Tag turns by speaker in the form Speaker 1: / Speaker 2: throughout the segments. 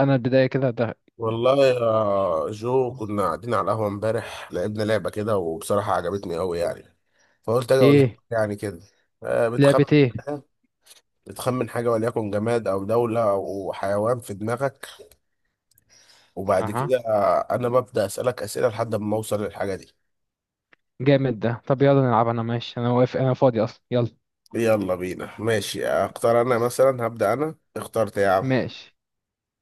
Speaker 1: انا البداية كده ده.
Speaker 2: والله يا جو كنا قاعدين على القهوة امبارح، لعبنا لعبة كده وبصراحة عجبتني أوي يعني. فقلت أجي أقولها لك
Speaker 1: ايه؟
Speaker 2: يعني كده. آه، بتخمن
Speaker 1: لعبة ايه؟
Speaker 2: حاجة بتخمن حاجة وليكن جماد أو دولة أو حيوان في دماغك. وبعد
Speaker 1: اها.
Speaker 2: كده أنا ببدأ أسألك أسئلة لحد ما أوصل للحاجة دي.
Speaker 1: جامد ده، طب يلا نلعب. انا ماشي، انا واقف، انا فاضي اصلا. يلا،
Speaker 2: يلا بينا ماشي، أختار أنا مثلا، هبدأ أنا، اخترت يا عم.
Speaker 1: ماشي.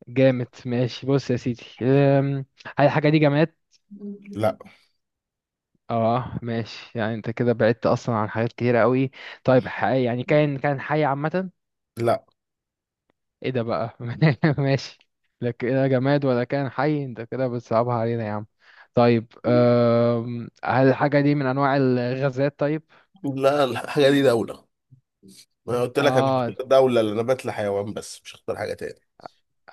Speaker 1: جامد ماشي. بص يا سيدي، هل الحاجة دي جماد؟
Speaker 2: لا
Speaker 1: اه ماشي، يعني انت كده بعدت اصلا عن حاجات كتيرة قوي. طيب، حي؟ يعني كان حي عامة؟
Speaker 2: لا
Speaker 1: ايه ده بقى ماشي. لك ايه، جماد ولا كان حي؟ انت كده بتصعبها علينا يا عم. طيب، هل الحاجة دي من انواع الغازات؟ طيب.
Speaker 2: لا، الحاجة دي دولة. أنا قلت لك أنا
Speaker 1: اه،
Speaker 2: هختار دولة لأن أنا بتلا حيوان، بس مش هختار حاجة تاني.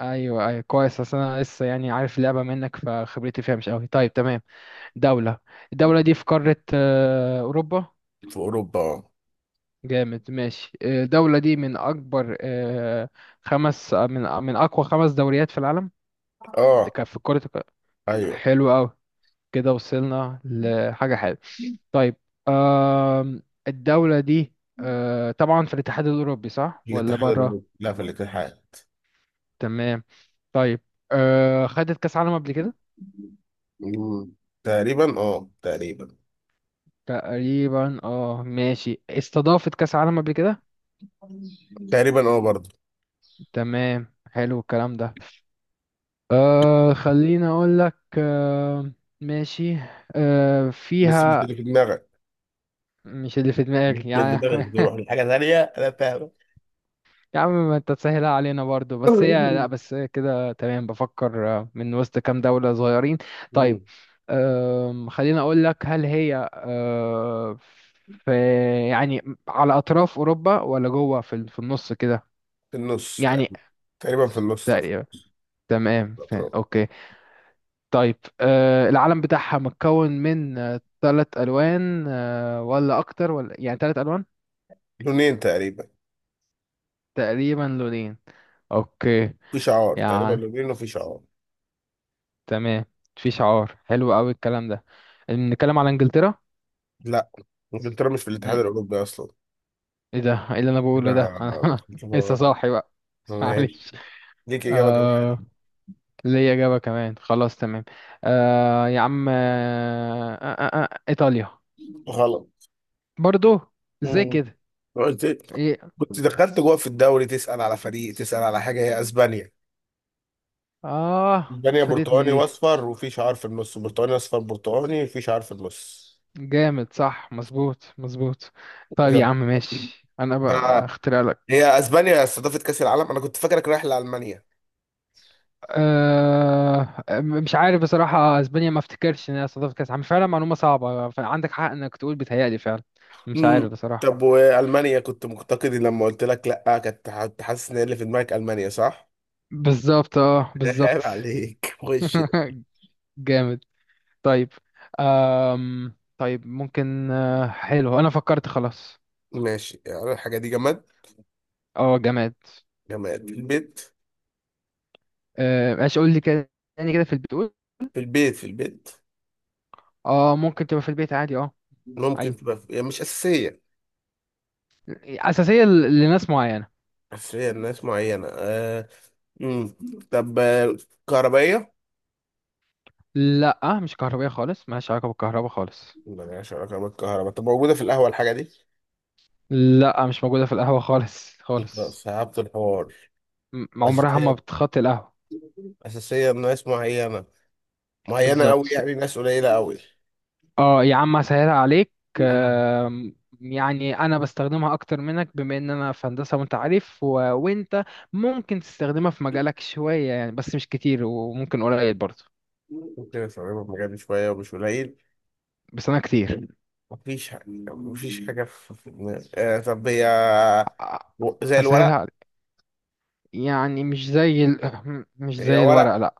Speaker 1: ايوه ايوه، كويس. اصل انا لسه يعني عارف اللعبه منك، فخبرتي فيها مش قوي. طيب تمام. دوله. الدوله دي في قاره اوروبا؟
Speaker 2: في أوروبا.
Speaker 1: جامد ماشي. الدوله دي من اكبر خمس من اقوى خمس دوريات في العالم.
Speaker 2: أه
Speaker 1: ده كان في كره الق-.
Speaker 2: أيوه.
Speaker 1: حلو قوي، كده وصلنا لحاجه حلوه. طيب. آم، الدوله دي طبعا في الاتحاد الاوروبي، صح ولا
Speaker 2: الاتحاد
Speaker 1: بره؟
Speaker 2: الأوروبي، لا في الاتحاد.
Speaker 1: تمام. طيب، خدت كاس عالم قبل كده؟
Speaker 2: مم. تقريبا، اه تقريبا.
Speaker 1: تقريبا. اه ماشي، استضافت كأس عالم قبل كده.
Speaker 2: تقريبا اه، برضه.
Speaker 1: تمام، حلو الكلام ده. خليني اقول لك. ماشي.
Speaker 2: بس مش
Speaker 1: فيها.
Speaker 2: اللي في دماغك.
Speaker 1: مش اللي في دماغي
Speaker 2: ممكن
Speaker 1: يعني
Speaker 2: دماغك تروح لحاجة ثانية، أنا فاهم.
Speaker 1: يا عم، ما انت تسهلها علينا برضو. بس هي لا، بس هي كده. تمام بفكر، من وسط كام دولة صغيرين. طيب،
Speaker 2: مم.
Speaker 1: خليني اقول لك، هل هي في يعني على اطراف اوروبا ولا جوه في النص كده
Speaker 2: في النص
Speaker 1: يعني؟
Speaker 2: تقريبا. تقريبا في النص ده.
Speaker 1: تمام فاهم، اوكي. طيب، العلم بتاعها متكون من تلات الوان ولا اكتر، ولا يعني تلات الوان؟
Speaker 2: لونين تقريبا.
Speaker 1: تقريبا لونين، اوكي.
Speaker 2: في شعار تقريبا
Speaker 1: يعني
Speaker 2: لونين، وفي شعار.
Speaker 1: تمام، في شعار، حلو قوي الكلام ده. نتكلم على انجلترا؟
Speaker 2: لا. انجلترا مش في الاتحاد
Speaker 1: مم.
Speaker 2: الأوروبي أصلا.
Speaker 1: ايه ده؟ ايه اللي انا بقوله ده؟
Speaker 2: كده.
Speaker 1: انا لسه صاحي بقى
Speaker 2: ماشي.
Speaker 1: معلش.
Speaker 2: ليك إجابة كمان.
Speaker 1: آه، ليا اجابة كمان، خلاص تمام. يا عم، ايطاليا.
Speaker 2: غلط.
Speaker 1: برضو؟ ازاي
Speaker 2: مم.
Speaker 1: كده؟
Speaker 2: قلت إيه؟
Speaker 1: إيه؟
Speaker 2: كنت دخلت جوه في الدوري تسأل على فريق، تسأل على حاجة. هي اسبانيا.
Speaker 1: اه،
Speaker 2: اسبانيا
Speaker 1: فاتتني
Speaker 2: برتقاني
Speaker 1: دي.
Speaker 2: واصفر، وفي شعار في النص برتقاني اصفر، برتقاني في شعار في النص.
Speaker 1: جامد، صح، مظبوط مظبوط. طيب يا
Speaker 2: كده.
Speaker 1: عم ماشي، انا
Speaker 2: ف-
Speaker 1: بقى اخترع لك.
Speaker 2: هي اسبانيا استضافت كأس العالم. انا كنت فاكرك رايح لألمانيا.
Speaker 1: مش عارف بصراحة، اسبانيا ما افتكرش ان هي استضافت كاس عالم فعلا. معلومة صعبة، فعندك حق انك تقول بيتهيألي فعلا. مش
Speaker 2: امم.
Speaker 1: عارف بصراحة.
Speaker 2: طب والمانيا كنت مقتقدي، لما قلت لك لا كنت حاسس ان اللي في دماغك المانيا، صح؟
Speaker 1: بالظبط، اه
Speaker 2: عيب
Speaker 1: بالظبط.
Speaker 2: عليك، خش.
Speaker 1: جامد. طيب، طيب، ممكن حلو انا فكرت خلاص.
Speaker 2: ماشي، يعني الحاجة دي جماد.
Speaker 1: اه جامد.
Speaker 2: جماد في البيت.
Speaker 1: ايش قول لي كده تاني، كده في البيت؟ قول.
Speaker 2: في البيت، في البيت.
Speaker 1: اه، ممكن تبقى في البيت عادي، اه.
Speaker 2: ممكن
Speaker 1: ايوه،
Speaker 2: تبقى يعني مش أساسية.
Speaker 1: اساسيه لناس معينه.
Speaker 2: أساسية لناس معينة. امم. طب كهربائية؟
Speaker 1: لا مش كهربائية خالص، مالهاش علاقة بالكهرباء خالص.
Speaker 2: ملهاش علاقة بالكهرباء. طب موجودة في القهوة الحاجة دي؟
Speaker 1: لا، مش موجودة في القهوة خالص
Speaker 2: طب
Speaker 1: خالص.
Speaker 2: صعبت الحوار.
Speaker 1: عمرها ما
Speaker 2: أساسية.
Speaker 1: بتخطي القهوة.
Speaker 2: أساسية ناس معينة. معينة
Speaker 1: بالظبط.
Speaker 2: أوي، يعني ناس قليلة أوي.
Speaker 1: اه يا عم، هسهلها عليك.
Speaker 2: مم.
Speaker 1: يعني انا بستخدمها اكتر منك، بما ان انا في هندسة وانت عارف، وانت ممكن تستخدمها في مجالك شوية يعني، بس مش كتير، وممكن قليل برضه.
Speaker 2: ممكن أستخدمها في مجالي شوية ومش قليل.
Speaker 1: بس انا كتير.
Speaker 2: مفيش حاجة مفيش حاجة في دماغي. طب هي.
Speaker 1: آه،
Speaker 2: زي
Speaker 1: هسهلها
Speaker 2: الورق.
Speaker 1: عليك. يعني مش
Speaker 2: هي
Speaker 1: زي الورق،
Speaker 2: ورق.
Speaker 1: لا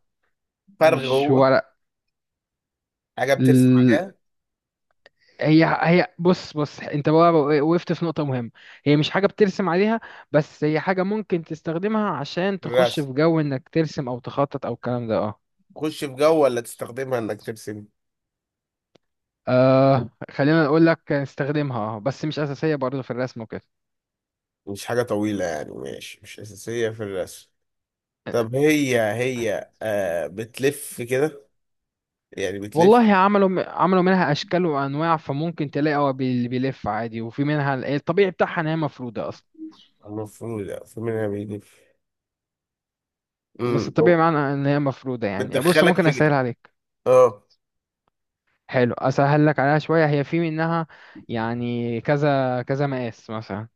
Speaker 2: فرغ
Speaker 1: مش
Speaker 2: هو. حاجة بترسم
Speaker 1: ورق.
Speaker 2: عليها.
Speaker 1: هي هي بص بص، انت بقى وقفت في نقطة مهمة. هي مش حاجة بترسم عليها، بس هي حاجة ممكن تستخدمها عشان تخش
Speaker 2: الرسم.
Speaker 1: في جو انك ترسم او تخطط او الكلام ده، اه.
Speaker 2: تخش في جو، ولا تستخدمها إنك ترسم؟
Speaker 1: آه، خلينا نقول لك استخدمها اه، بس مش أساسية برضه في الرسم وكده.
Speaker 2: مش حاجة طويلة يعني، ماشي، مش أساسية في الرسم.
Speaker 1: آه،
Speaker 2: طب هي بتلف كده، يعني بتلف.
Speaker 1: والله عملوا منها اشكال وانواع. فممكن تلاقي هو بيلف عادي، وفي منها الطبيعي بتاعها ان هي مفروده اصلا.
Speaker 2: المفروض، لا، المفروض انها بيلف.
Speaker 1: بس
Speaker 2: امم.
Speaker 1: الطبيعي معناه ان هي مفروده. يعني بص،
Speaker 2: بتدخلك
Speaker 1: ممكن
Speaker 2: في
Speaker 1: اسهل عليك.
Speaker 2: اه.
Speaker 1: حلو، اسهل لك عليها شويه. هي في منها يعني كذا كذا مقاس مثلا.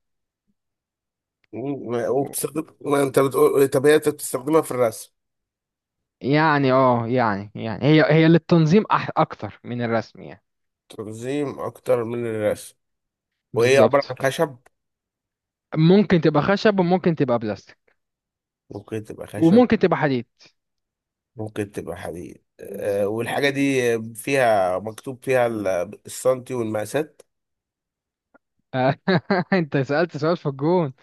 Speaker 2: وبتستخدم، ما انت بتقول. طب هي انت بتستخدمها في الرسم.
Speaker 1: يعني اه، يعني هي هي للتنظيم، اكتر من الرسم يعني.
Speaker 2: تنظيم اكتر من الرسم. وهي عبارة عن
Speaker 1: بالظبط.
Speaker 2: خشب.
Speaker 1: ممكن تبقى خشب، وممكن تبقى بلاستيك،
Speaker 2: ممكن تبقى خشب.
Speaker 1: وممكن تبقى حديد.
Speaker 2: ممكن تبقى حديد. والحاجة دي فيها مكتوب، فيها السنتي والمقاسات.
Speaker 1: آه، انت سألت سؤال في الجون.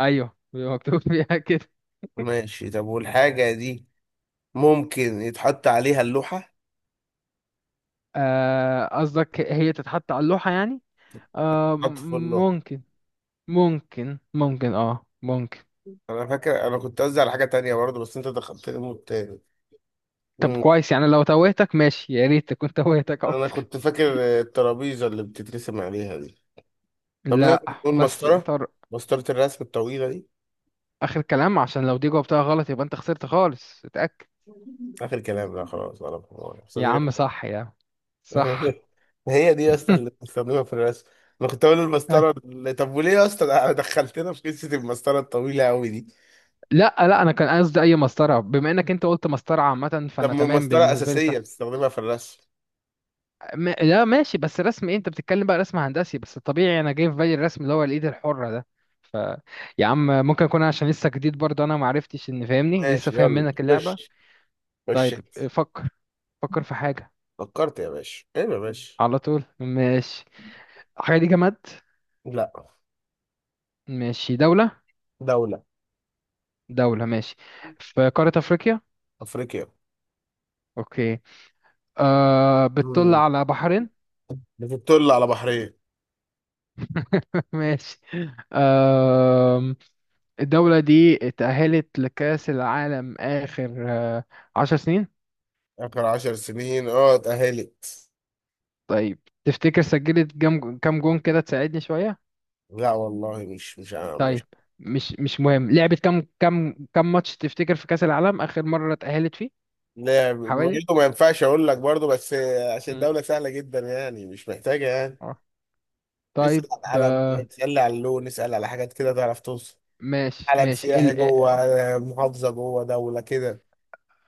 Speaker 1: ايوه، بيبقى مكتوب فيها كده.
Speaker 2: ماشي. طب والحاجة دي ممكن يتحط عليها اللوحة؟
Speaker 1: قصدك هي تتحط على اللوحة يعني؟ آه،
Speaker 2: تحط في
Speaker 1: م-
Speaker 2: اللوحة.
Speaker 1: ممكن ممكن، اه ممكن.
Speaker 2: انا فاكر انا كنت قصدي على حاجه تانية برضه، بس انت دخلتني مود تاني.
Speaker 1: طب
Speaker 2: امم.
Speaker 1: كويس يعني لو توهتك ماشي، يا ريت كنت توهتك
Speaker 2: انا
Speaker 1: اكتر.
Speaker 2: كنت فاكر الترابيزه اللي بتترسم عليها دي. طب
Speaker 1: لا
Speaker 2: نقدر نقول
Speaker 1: بس
Speaker 2: مسطره.
Speaker 1: طارق،
Speaker 2: مسطره الرسم الطويله دي.
Speaker 1: اخر كلام، عشان لو دي جاوبتها غلط يبقى انت خسرت خالص. اتاكد.
Speaker 2: اخر كلام لا، خلاص، ولا بحوار.
Speaker 1: يا
Speaker 2: صديق.
Speaker 1: عم صح، يا عم صح.
Speaker 2: هي دي يا اسطى اللي بنستخدمها في الرسم. انا كنت اقول
Speaker 1: أي.
Speaker 2: المسطره طب وليه يا اسطى ده دخلتنا في قصه المسطره الطويله قوي دي؟
Speaker 1: لا لا، انا كان قصدي اي مسطره، بما انك انت قلت مسطره عامه
Speaker 2: طب
Speaker 1: فانا
Speaker 2: ما
Speaker 1: تمام
Speaker 2: المسطره
Speaker 1: بالنسبه لي،
Speaker 2: اساسيه،
Speaker 1: صح.
Speaker 2: بتستخدمها في الرسم.
Speaker 1: لا ماشي، بس رسم ايه انت بتتكلم بقى؟ رسم هندسي؟ بس الطبيعي انا جاي في بالي الرسم اللي هو الايد الحره ده. ف يا عم، ممكن اكون عشان لسه جديد برضه، انا ما عرفتش ان فاهمني لسه
Speaker 2: ماشي
Speaker 1: فاهم
Speaker 2: يلا،
Speaker 1: منك اللعبه.
Speaker 2: خش. خش
Speaker 1: طيب،
Speaker 2: انت.
Speaker 1: فكر فكر في حاجه.
Speaker 2: فكرت يا باشا؟ ايه يا باشا؟
Speaker 1: على طول ماشي. الحاجه دي جماد؟
Speaker 2: لا.
Speaker 1: ماشي. دوله؟
Speaker 2: دوله.
Speaker 1: دولة ماشي. في قارة أفريقيا.
Speaker 2: افريقيا.
Speaker 1: أوكي. آه، بتطل
Speaker 2: مم.
Speaker 1: على بحرين؟
Speaker 2: بتطل على بحرية.
Speaker 1: ماشي. آه، الدولة دي اتأهلت لكأس العالم آخر 10 سنين؟
Speaker 2: آخر 10 سنين، اه، اتأهلت.
Speaker 1: طيب، تفتكر سجلت كام جون كده، تساعدني شوية؟
Speaker 2: لا والله، مش، مش،
Speaker 1: طيب،
Speaker 2: مش.
Speaker 1: مش مهم. لعبت كام ماتش تفتكر في كأس العالم آخر مرة اتأهلت فيه؟
Speaker 2: لا
Speaker 1: حوالي.
Speaker 2: برضه، ما ينفعش أقول لك برضه، بس. عشان
Speaker 1: مم.
Speaker 2: دولة سهلة جدا يعني، مش محتاجة يعني.
Speaker 1: اه طيب.
Speaker 2: اسأل على العلم،
Speaker 1: آه
Speaker 2: اسأل على اللون، اسأل على حاجات كده تعرف توصل.
Speaker 1: ماشي
Speaker 2: علم
Speaker 1: ماشي
Speaker 2: سياحي جوه. محافظة جوه دولة كده.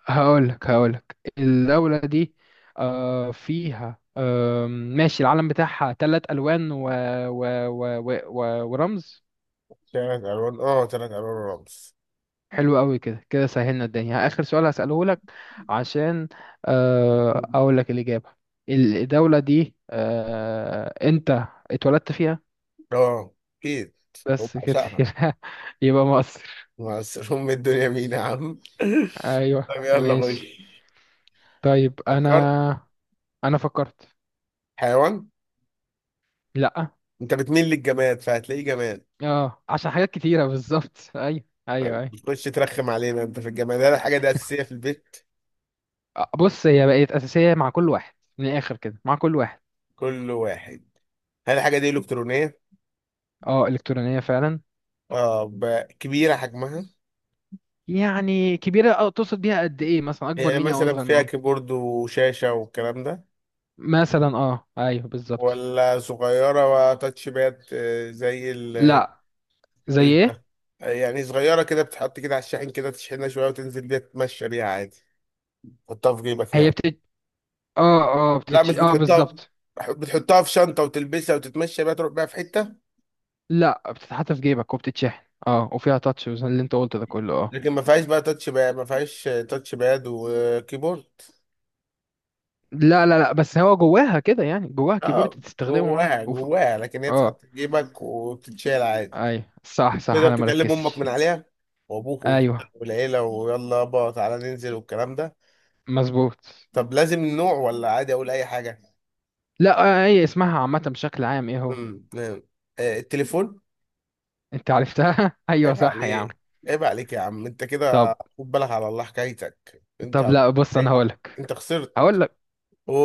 Speaker 1: هقولك الدولة دي فيها. ماشي. العلم بتاعها تلات ألوان ورمز.
Speaker 2: 3 ألوان، اه، 3 ألوان. رمز.
Speaker 1: حلو قوي، كده كده سهلنا الدنيا. آخر سؤال هسأله لك، عشان أقول لك الإجابة. الدولة دي أنت اتولدت فيها؟
Speaker 2: اه أكيد،
Speaker 1: بس كده
Speaker 2: وبعشقها.
Speaker 1: يبقى مصر.
Speaker 2: بس أم الدنيا مين يا عم؟
Speaker 1: أيوه
Speaker 2: طب يلا
Speaker 1: ماشي.
Speaker 2: خش.
Speaker 1: طيب أنا
Speaker 2: فكرت.
Speaker 1: أنا فكرت.
Speaker 2: حيوان.
Speaker 1: لأ،
Speaker 2: انت بتميل للجماد فهتلاقيه جماد.
Speaker 1: اه عشان حاجات كتيرة بالظبط. أيوه أيوه أيوه.
Speaker 2: بتخش ترخم علينا انت في الجماد؟ هل الحاجه دي اساسيه في البيت؟
Speaker 1: بص هي بقت اساسيه مع كل واحد، من الاخر كده، مع كل واحد.
Speaker 2: كل واحد. هل الحاجه دي الكترونيه؟
Speaker 1: اه، الكترونيه فعلا.
Speaker 2: اه. كبيره حجمها؟
Speaker 1: يعني كبيره. اه، تقصد بيها قد ايه مثلا، اكبر
Speaker 2: يعني
Speaker 1: مني او
Speaker 2: مثلا
Speaker 1: اصغر
Speaker 2: فيها
Speaker 1: مني؟
Speaker 2: كيبورد وشاشه والكلام ده؟
Speaker 1: مثلا، اه ايوه بالظبط.
Speaker 2: ولا صغيره وتاتش باد زي ال.
Speaker 1: لا. زي
Speaker 2: مش
Speaker 1: ايه؟
Speaker 2: ده. يعني صغيره كده، بتحط كده على الشاحن كده، تشحنها شويه وتنزل بيها تتمشى بيها عادي. تحطها في جيبك
Speaker 1: هي
Speaker 2: يعني.
Speaker 1: اه اه
Speaker 2: لا،
Speaker 1: بتتش،
Speaker 2: مش
Speaker 1: اه
Speaker 2: بتحطها.
Speaker 1: بالظبط.
Speaker 2: بتحطها في شنطه وتلبسها وتتمشى بيها، تروح بيها في حته.
Speaker 1: لا، بتتحط في جيبك وبتتشحن اه، وفيها تاتش اللي انت قلته ده كله، اه.
Speaker 2: لكن ما فيهاش بقى تاتش باد. ما فيهاش تاتش باد وكيبورد.
Speaker 1: لا لا لا، بس هو جواها كده يعني، جواها كيبورد
Speaker 2: اه
Speaker 1: تستخدمه، اه.
Speaker 2: جواها جواها، لكن هي
Speaker 1: اه
Speaker 2: بتتحط في جيبك وبتتشال عادي.
Speaker 1: ايوه، صح صح،
Speaker 2: تقدر
Speaker 1: انا
Speaker 2: تكلم امك
Speaker 1: مركزتش.
Speaker 2: من عليها، وابوك وبتاع
Speaker 1: ايوه
Speaker 2: والعيله، ويلا يابا تعالى ننزل والكلام ده.
Speaker 1: مظبوط.
Speaker 2: طب لازم نوع، ولا عادي اقول اي حاجه؟
Speaker 1: لا، هي اسمها عامة، بشكل عام ايه هو؟
Speaker 2: نعم. التليفون.
Speaker 1: انت عرفتها ايوه
Speaker 2: عيب
Speaker 1: صح يا عم.
Speaker 2: عليك. عيب عليك يا عم، انت كده
Speaker 1: طب
Speaker 2: خد بالك على الله، حكايتك انت
Speaker 1: طب،
Speaker 2: على.
Speaker 1: لا بص، انا
Speaker 2: حكايتك،
Speaker 1: هقولك
Speaker 2: انت خسرت.
Speaker 1: هقولك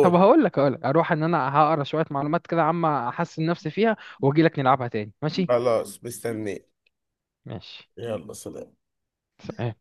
Speaker 1: طب هقولك هقولك اروح ان انا هقرا شوية معلومات كده عامة، احسن نفسي فيها، واجيلك نلعبها تاني ماشي.
Speaker 2: خلاص مستنيك.
Speaker 1: ماشي
Speaker 2: يلا سلام.
Speaker 1: سلام.